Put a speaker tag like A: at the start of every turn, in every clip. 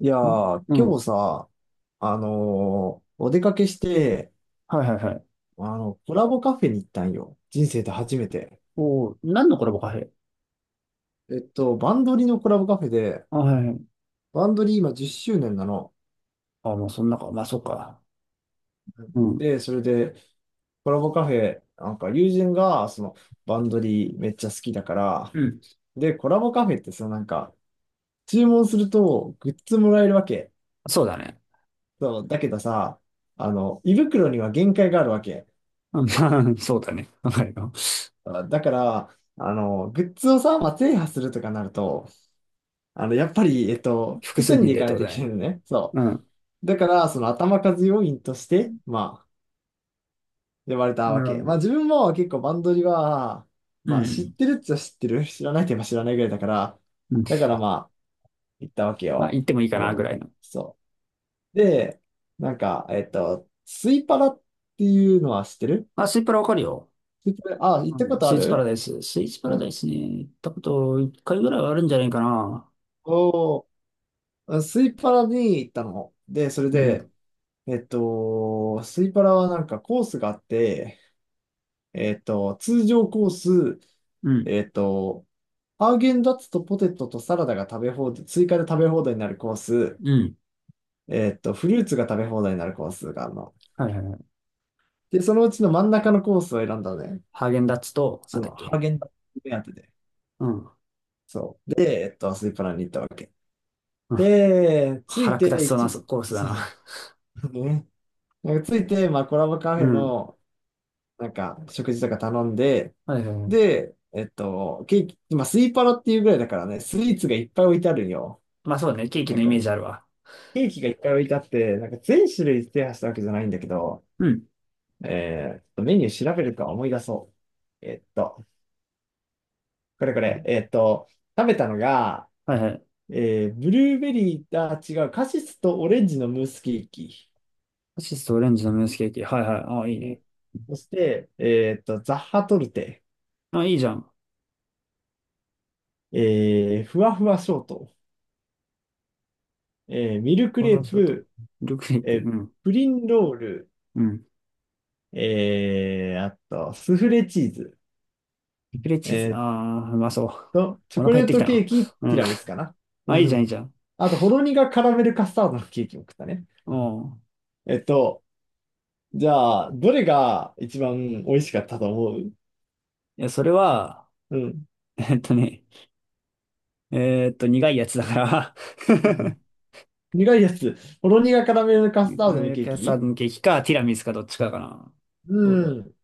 A: いや
B: うん
A: ー、
B: う
A: 今
B: ん。
A: 日さ、お出かけして、
B: はいはいはい。
A: コラボカフェに行ったんよ。人生で初めて。
B: おお、何のコラボカフェ？
A: バンドリのコラボカフェで、
B: あ、はいはい。
A: バンドリ今10周年なの。
B: あ、もうそんなか。まあ、そうか。うん。
A: で、それで、コラボカフェ、なんか友人が、その、バンドリめっちゃ好きだから、
B: うん。
A: で、コラボカフェってさ、なんか、注文するとグッズもらえるわけ。
B: そうだね。
A: そう、だけどさ、胃袋には限界があるわけ。
B: うん、まあ そうだね。はいよ。
A: あだから、グッズをさ、まあ、制覇するとかなると、やっぱり、
B: 複
A: 複数
B: 数
A: 人で
B: 人
A: 行
B: でっ
A: かな
B: て
A: い
B: こ
A: と
B: と
A: い
B: だ
A: けない
B: ね。
A: のね。そ
B: うん。
A: う。だから、その頭数要員として、まあ、呼ばれた
B: な
A: わ
B: るほ
A: け。ま
B: ど。
A: あ、自分も結構バンドリは、
B: う
A: まあ、知っ
B: ん。
A: てるっちゃ知ってる。知らないといえば知らないぐらいだから、
B: うん。
A: だからまあ、行ったわけ
B: あ、行
A: よ。
B: ってもいいか
A: こ
B: な、ぐらい
A: の
B: の。
A: そう。で、なんか、スイパラっていうのは知ってる。
B: あ、スイパラわかるよ。
A: スイパラ、あ、行っ
B: う
A: たこ
B: ん。
A: と
B: ス
A: あ
B: イーツパラ
A: る？
B: ダイス。スイーツパ
A: う
B: ラダイ
A: ん。
B: スね。行ったこと一回ぐらいはあるんじゃないかな。
A: おー、スイパラに行ったの。で、それ
B: うん。
A: で、スイパラはなんかコースがあって、通常コース、
B: うん。
A: えっと、ハーゲンダッツとポテトとサラダが食べ放題、追加で食べ放題になるコース、
B: うん。
A: フルーツが食べ放題になるコースがあるの。
B: はいはいはい。
A: で、そのうちの真ん中のコースを選んだのね。
B: ハーゲンダッツと、な
A: そ
B: んだ
A: の、
B: っ
A: ハー
B: け。
A: ゲンダッツ目当てで。
B: うん。
A: そう。で、スイパラに行ったわけ。
B: うん。
A: で、つい
B: 腹下し
A: て、
B: そうな
A: 一、
B: コースだ
A: そ
B: な。
A: う、ね。なんかついて、まあ、コラボカフ
B: う
A: ェ
B: ん。
A: の、なんか、食事とか頼んで、
B: はいはいはい。
A: で、ケーキ、まあ、スイパラっていうぐらいだからね、スイーツがいっぱい置いてあるんよ。
B: まあ、そうだね。ケーキ
A: なん
B: のイ
A: か、
B: メージあるわ。
A: ケーキがいっぱい置いてあって、なんか全種類制覇したわけじゃないんだけど、
B: うん。
A: メニュー調べるか思い出そう。これこ
B: うん。
A: れ、食べたのが、
B: はいはい。
A: ブルーベリー、あ、違う、カシスとオレンジのムースケーキ。
B: アシストオレンジのムースケーキ。はいはい。ああ、いい
A: うん。
B: ね。
A: そして、ザッハトルテ、
B: あ、いいじゃん。
A: ふわふわショート、ミルク
B: ワフ
A: レ
B: ル
A: ー
B: ショート。
A: プ、
B: ルクレープ。
A: え
B: う
A: ー
B: ん。
A: プリンロール、
B: うん。
A: あと、スフレチーズ、
B: リプレチー
A: え
B: ズ。
A: ーっ
B: ああ、うまそう。
A: チ
B: お
A: ョ
B: 腹
A: コ
B: 減っ
A: レー
B: てき
A: ト
B: た
A: ケ
B: な。
A: ーキ、テ
B: う
A: ィ
B: ん。
A: ラミスかな。う
B: あ、いいじゃん、いい
A: ん。
B: じゃん。
A: あと、ほろ苦カラメルカスタードのケーキも食ったね。
B: うん。
A: えっと、じゃあ、どれが一番美味しかったと思う？
B: いや、それは、
A: うん。
B: えっとね、苦いやつだから
A: うん、苦いやつ。ほろ苦カラメルカスタードの
B: 焼
A: ケ
B: き
A: ー
B: 屋さ
A: キ？
B: んのケーキか、ティラミスか、どっちかかな。どうだ
A: う
B: ろう。
A: ん。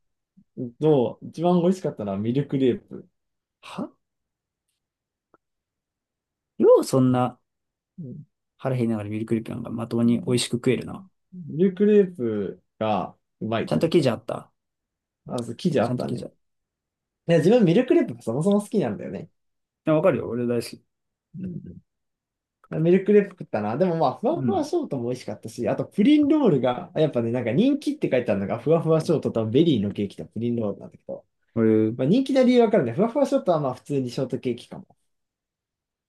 A: どう？一番美味しかったのはミルクレープ。
B: はよう、そんな
A: うん、
B: 腹減りながらミルクリップなんかまともに美味しく食えるな。
A: ミルクレープがうまい
B: ちゃん
A: と
B: と
A: 思っ
B: 生
A: た。
B: 地あった。
A: あ、そう、生地あ
B: ちゃ
A: っ
B: んと
A: た
B: 生地
A: ね。
B: あった。
A: いや、自分ミルクレープがそもそも好きなんだよね。
B: や、わかるよ。俺大好き。
A: うん。ミルクレープ食ったな。でもまあ、ふわ
B: う
A: ふわ
B: ん。
A: ショートも美味しかったし、あとプリンロールが、やっぱね、なんか人気って書いてあるのが、ふわふわショートとベリーのケーキとプリンロールなんだけど、
B: え
A: まあ人気な理由わかるね。ふわふわショートはまあ普通にショートケーキかも。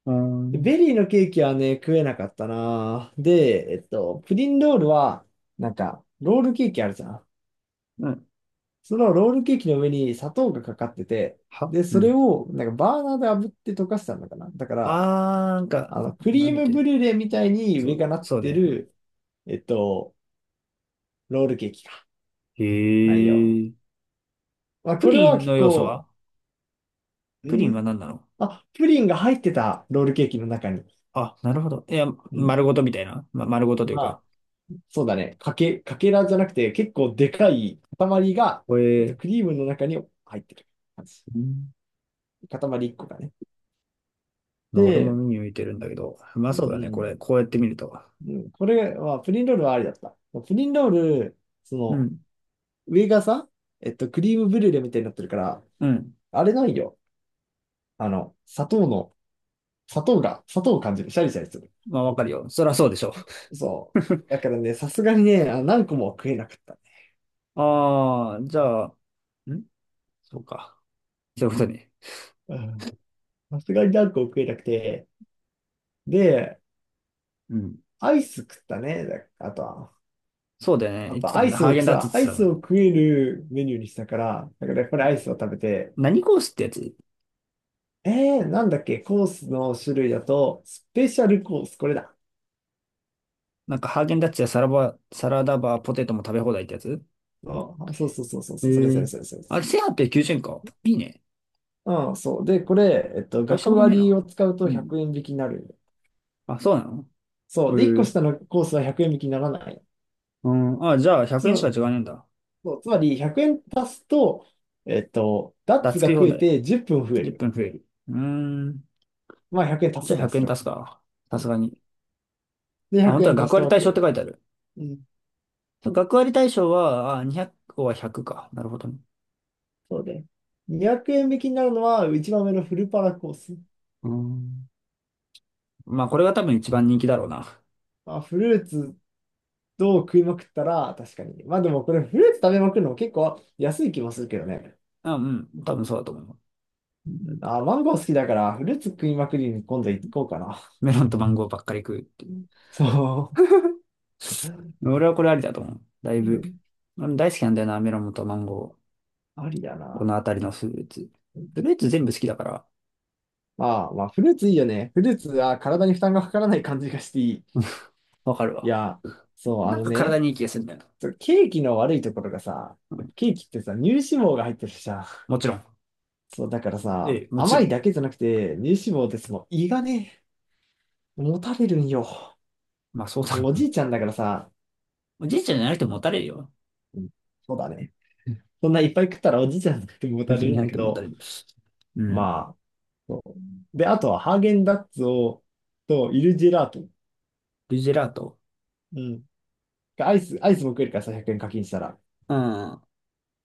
B: あー、う
A: で
B: ん
A: ベリーのケーキはね、食えなかったな。で、プリンロールは、なんか、ロールケーキあるじゃん。
B: は
A: そのロールケーキの上に砂糖がかかってて、
B: う
A: で、それ
B: ん。
A: を、なんかバーナーで炙って溶かしたんだかな。だから、
B: あー、なん
A: あ
B: か、
A: の、ク
B: な
A: リ
B: ん
A: ー
B: だっ
A: ムブ
B: け。
A: リュレみたいに
B: そ
A: 上が
B: う、
A: なっ
B: そう
A: て
B: ね。
A: る、えっと、ロールケーキか。
B: へ
A: 内容。
B: え。
A: まあ、
B: プ
A: これ
B: リ
A: は
B: ン
A: 結
B: の要素
A: 構、
B: は？
A: え
B: プリン
A: ー
B: は何なの？
A: あ、プリンが入ってた、ロールケーキの中に。
B: あ、なるほど。いや、
A: うん。
B: 丸ごとみたいな。ま、丸ごとという
A: ま
B: か。
A: あ、そうだね。かけ、かけらじゃなくて、結構でかい塊が、
B: これ、
A: クリームの中に入ってる感じ。
B: うん、
A: 塊一個がね。
B: まあ、俺も
A: で、
B: 目に浮いてるんだけど。まあ、
A: う
B: そうだね。こ
A: ん。
B: れ、こうやって見ると。
A: うん、これは、プリンロールはありだった。プリンロール、そ
B: う
A: の、
B: ん。
A: 上がさ、クリームブリュレみたいになってるから、
B: うん。
A: あれないよ。あの、砂糖の、砂糖が、砂糖を感じる。シャリシャリする。
B: まあ、わかるよ。そりゃそうでしょ。
A: そ う。だからね、さすがにね、あ何個もは食えなかったね。
B: ああ、じゃあ、んそうか。そういうことね。
A: うん、さすがに何個も食えなくて。で、
B: うん。
A: アイス食ったね。だあとは。
B: そうだよね。
A: やっ
B: 言って
A: ぱ
B: た
A: ア
B: もん
A: イ
B: ね。
A: ス
B: ハー
A: を
B: ゲンダッツっ
A: さ、
B: て言
A: ア
B: って
A: イ
B: たも
A: ス
B: ん
A: を
B: ね。
A: 食えるメニューにしたから、だからやっぱりアイスを食べて、
B: 何コースってやつ？
A: えなんだっけ、コースの種類だと、スペシャルコース、これだ。
B: なんかハーゲンダッツやサラダバーポテトも食べ放題ってやつ？
A: あ、そうそうそうそう、
B: え
A: そうそれそれ
B: え、
A: それそれ
B: あ
A: そ
B: れ、
A: れ。
B: 1890円か。いいね。
A: うん、そう。で、これ、
B: 大した
A: 学
B: ことねえ
A: 割
B: な。
A: を使うと
B: うん。
A: 100円引きになる。
B: あ、そうなの？
A: そ
B: え
A: う。で、1個
B: え。
A: 下のコースは100円引きにならない。
B: うん。あ、じゃあ
A: つ
B: 100
A: ま、
B: 円しか違わねえんだ。
A: そう、つまり、100円足すと、ダッ
B: ダッ
A: ツ
B: ツ
A: が
B: 食い
A: 食
B: 放
A: え
B: 題。
A: て10分増え
B: 10
A: る。
B: 分増える。うーん。
A: まあ、100円足
B: じゃ
A: す
B: あ
A: じゃん、
B: 100
A: それ
B: 円
A: は。
B: 足すか。
A: う
B: さす
A: ん、
B: がに。
A: で、
B: あ、本
A: 100
B: 当は
A: 円足
B: 学
A: した
B: 割
A: わ
B: 対象って
A: け。
B: 書いてある。
A: うん、
B: 学割対象は、あ、200個は100か。なるほどね。
A: そうで。200円引きになるのは、一番上のフルパラコース。
B: うーん。まあ、これが多分一番人気だろうな。
A: まあ、フルーツと食いまくったら、確かに。まあ、でもこれ、フルーツ食べまくるのも結構安い気もするけどね。
B: あ、うん。多分そうだと思う。
A: うん、あ、マンゴー好きだから、フルーツ食いまくりに今度行こうかな。
B: メロンとマンゴーばっかり食うってい
A: う
B: う。
A: ん、そう。
B: 俺はこれありだと思う。だい
A: う
B: ぶ。
A: ん、
B: 俺大好きなんだよな、メロンとマンゴ
A: ありだ
B: ー。この
A: な。
B: あたりのフルーツ。フルーツ全部好きだから。
A: ああ、まあ、フルーツいいよね。フルーツは体に負担がかからない感じがしていい。
B: わかる
A: い
B: わ。
A: や、そう、あ
B: なん
A: の
B: か体
A: ね、
B: にいい気がするんだよ
A: そう、ケーキの悪いところがさ、
B: な。うん。
A: ケーキってさ、乳脂肪が入ってるじゃん。
B: もちろん。
A: そう、だから
B: え
A: さ、
B: え、もち
A: 甘
B: ろ
A: い
B: ん。
A: だけじゃなくて、乳脂肪ってその胃がね、もたれるんよ。
B: まあ、そうだ
A: も
B: ろ
A: うお
B: う
A: じ
B: な。
A: いちゃんだからさ、
B: おじいちゃんじゃなくて
A: う
B: もも
A: ん、
B: たれるよ。
A: うん、そうだね。そんないっぱい食ったらおじいちゃんだっても
B: お
A: た
B: じいち
A: れ
B: ゃん
A: る
B: じ
A: ん
B: ゃ
A: だ
B: なく
A: け
B: てももた
A: ど、
B: れる。うん。
A: まあ、そうで、あとはハーゲンダッツを、と、イルジェラート。
B: ルジェラート。
A: うん。アイス、アイスも食えるからさ、100円課金したら。
B: うん。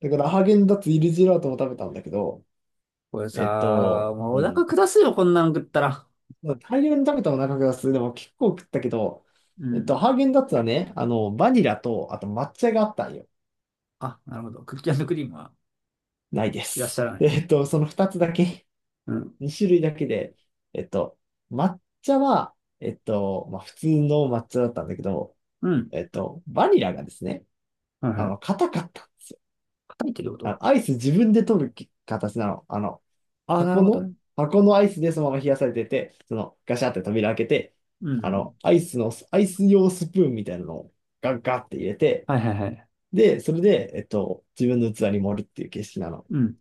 A: だからハーゲンダッツイルジェラートも食べたんだけど、
B: これさ、もうお
A: う
B: 腹
A: ん。
B: 下すよ、こんなの食ったら。
A: まあ大量に食べたお腹がする。でも結構食ったけど、
B: うん。
A: ハーゲンダッツはね、あの、バニラと、あと抹茶があったんよ。
B: あ、なるほど。クッキークリームは？
A: ないで
B: いらっしゃ
A: す。
B: らな い。
A: その2つだけ、
B: うん。
A: 2種類だけで、えっと、抹茶は、まあ、普通の抹茶だったんだけど、
B: うん。
A: バニラがですね、
B: はい
A: あ
B: はい。
A: の、硬かったんですよ。
B: 叩いてるこ
A: あ
B: と？
A: の、アイス自分で取る形なの。あの、
B: ああー、なる
A: 箱
B: ほど
A: の、
B: ね。
A: 箱のアイスでそのまま冷やされてて、そのガシャって扉開けて、
B: う
A: あ
B: ん。
A: の、アイスの、アイス用スプーンみたいなのをガッガッって入れて、
B: はいはいはい。
A: で、それで、自分の器に盛るっていう形式なの。
B: うん。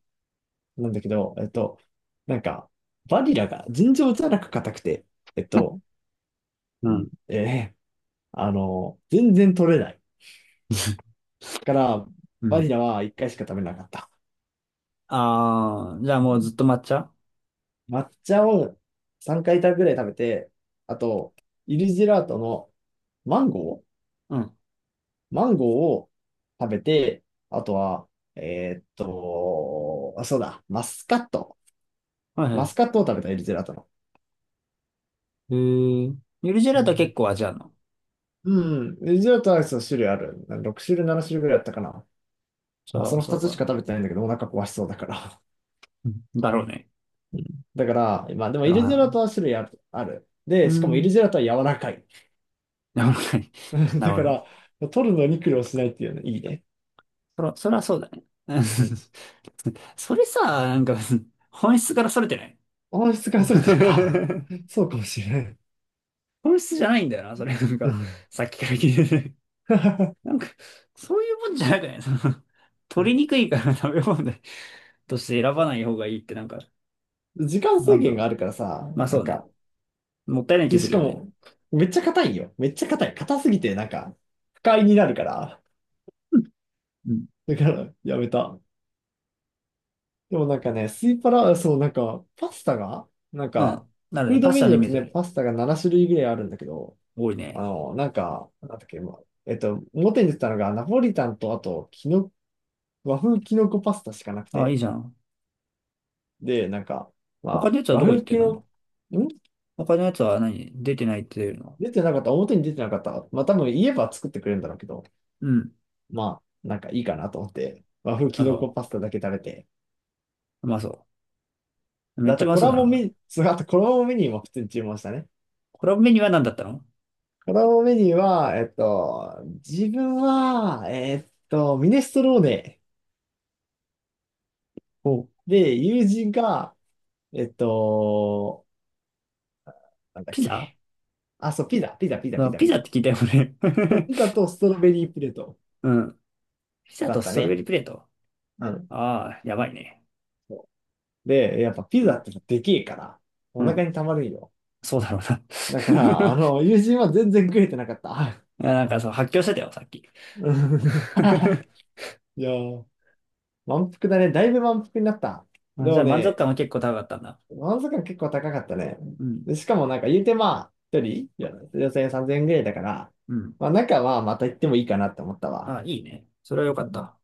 A: なんだけど、なんか、バニラが尋常じゃなく硬くて、えっと、う
B: うん。
A: ん、あの、全然取れない。から、
B: う
A: バ
B: ん。
A: ニラは1回しか食べなかった。
B: ああ、じゃあ
A: う
B: もう
A: ん、
B: ずっと抹茶？
A: 抹茶を3回ぐらい食べて、あと、イルジェラートのマンゴー、
B: うん。
A: マンゴーを食べて、あとは、あ、そうだ、マスカット。
B: はい
A: マ
B: は
A: スカットを食べた、エリゼラトの。
B: い。へえ。ゆるジェ
A: う
B: ラート結
A: ん。
B: 構味あるの？
A: うん、エリゼラトアイスの種類ある。6種類、7種類ぐらいあったかな。まあ、
B: そ
A: そ
B: う、
A: の
B: そ
A: 2
B: う
A: つしか
B: か。
A: 食べてないんだけど、お腹壊しそうだから。
B: うん。だろうね。
A: うん、だから、まあでも
B: だ
A: エ
B: ろう
A: リゼラ
B: な。
A: トは種類ある。ある。
B: う
A: で、しかもエリ
B: ん。
A: ゼラトは柔らかい。
B: なるほどね。なる
A: だ
B: ほ
A: か
B: どね。
A: ら、取るのに苦労しないっていうのいいね。
B: そら、そらそうだね。うん。
A: うん。
B: それさ、なんか、本質からそれてない？
A: 音質が逸れてるか。そうかもしれない。
B: 本質じゃないんだよな、それ。なん
A: う
B: か、
A: ん。
B: さっきから聞いてて、 なんか、そういうもんじゃないかね。その、取りにくいから食べ物でとして選ばない方がいいって、なんか、
A: 時間
B: な
A: 制
B: んだ
A: 限が
B: ろ
A: ある
B: う。
A: からさ、
B: まあ、
A: な
B: そ
A: ん
B: うね。
A: か、
B: もったいない気
A: で、
B: す
A: し
B: る
A: か
B: よね。
A: も、めっちゃ硬いよ。めっちゃ硬い。硬すぎて、なんか、不快になるから。
B: うんうん。
A: だから、やめた。でもなんかね、スイパラ、そう、なんか、パスタが、なん
B: う
A: か、
B: ん、なる
A: フ
B: ね。
A: ード
B: パス
A: メ
B: タ
A: ニ
B: の
A: ュ
B: イ
A: ーだ
B: メー
A: と
B: ジあ
A: ね、
B: るよ。
A: パスタが7種類ぐらいあるんだけど、
B: 多いね。
A: あの、なんか、なんだっけ、まあ、表に出てたのが、ナポリタンと、あと、きの、和風きのこパスタしかなく
B: あ、いい
A: て、
B: じゃん。
A: で、なんか、
B: 他
A: ま
B: のやつ
A: あ、
B: は
A: 和
B: どこ行っ
A: 風
B: て
A: き
B: んの？
A: の、ん、
B: 他のやつは何出てないっていうの？
A: 出てなかった、表に出てなかった。まあ、多分言えば作ってくれるんだろうけど、
B: うん。
A: まあ、なんかいいかなと思って、和風
B: あ、
A: キノコ
B: そ
A: パスタだけ食べて。
B: う。うまそう。め
A: だ
B: っ
A: っ
B: ちゃ
A: て
B: うま
A: コ
B: そう
A: ラ
B: だ
A: ボ
B: な。
A: メニュー、そう、あとコラボメニューも普通に注文したね。
B: コラボメニューは何だったの？
A: コラボメニューは、自分は、ミネストローネ
B: お、
A: で、友人が、えっと、なんだっ
B: ピ
A: け。
B: ザ？
A: あ、そう、ピザ、ピザ、ピザ、
B: そ
A: ピ
B: の
A: ザ、
B: ピ
A: ピ
B: ザっ
A: ザ。
B: て聞いたよね。
A: そうピザ とストロベリープレート
B: うん。ピザ
A: だっ
B: とス
A: た
B: トロベ
A: ね。
B: リープレート。
A: うん。
B: ああ、やばいね。
A: そうで、やっぱピ
B: う
A: ザっ
B: ん。
A: てさでけえから、お
B: う
A: 腹
B: ん。
A: にたまるんよ。
B: そうだろうな。
A: だから、あの、友人は全然食えてなかった。
B: いや、なんか、そう、発狂してたよ、さっき。
A: う、いやー、満腹だね。だいぶ満腹になった。
B: あ、
A: で
B: じゃ
A: も
B: あ満足
A: ね、
B: 感は結構高かったんだ。
A: 満足感結構高かったね。
B: うん。
A: で、しかもなんか言うてまあ、一人、よ4 0 0円、3000円ぐらいだから、
B: うん。
A: まあなんかまあまた行ってもいいかなって思ったわ。
B: あ、いいね。それは良かった。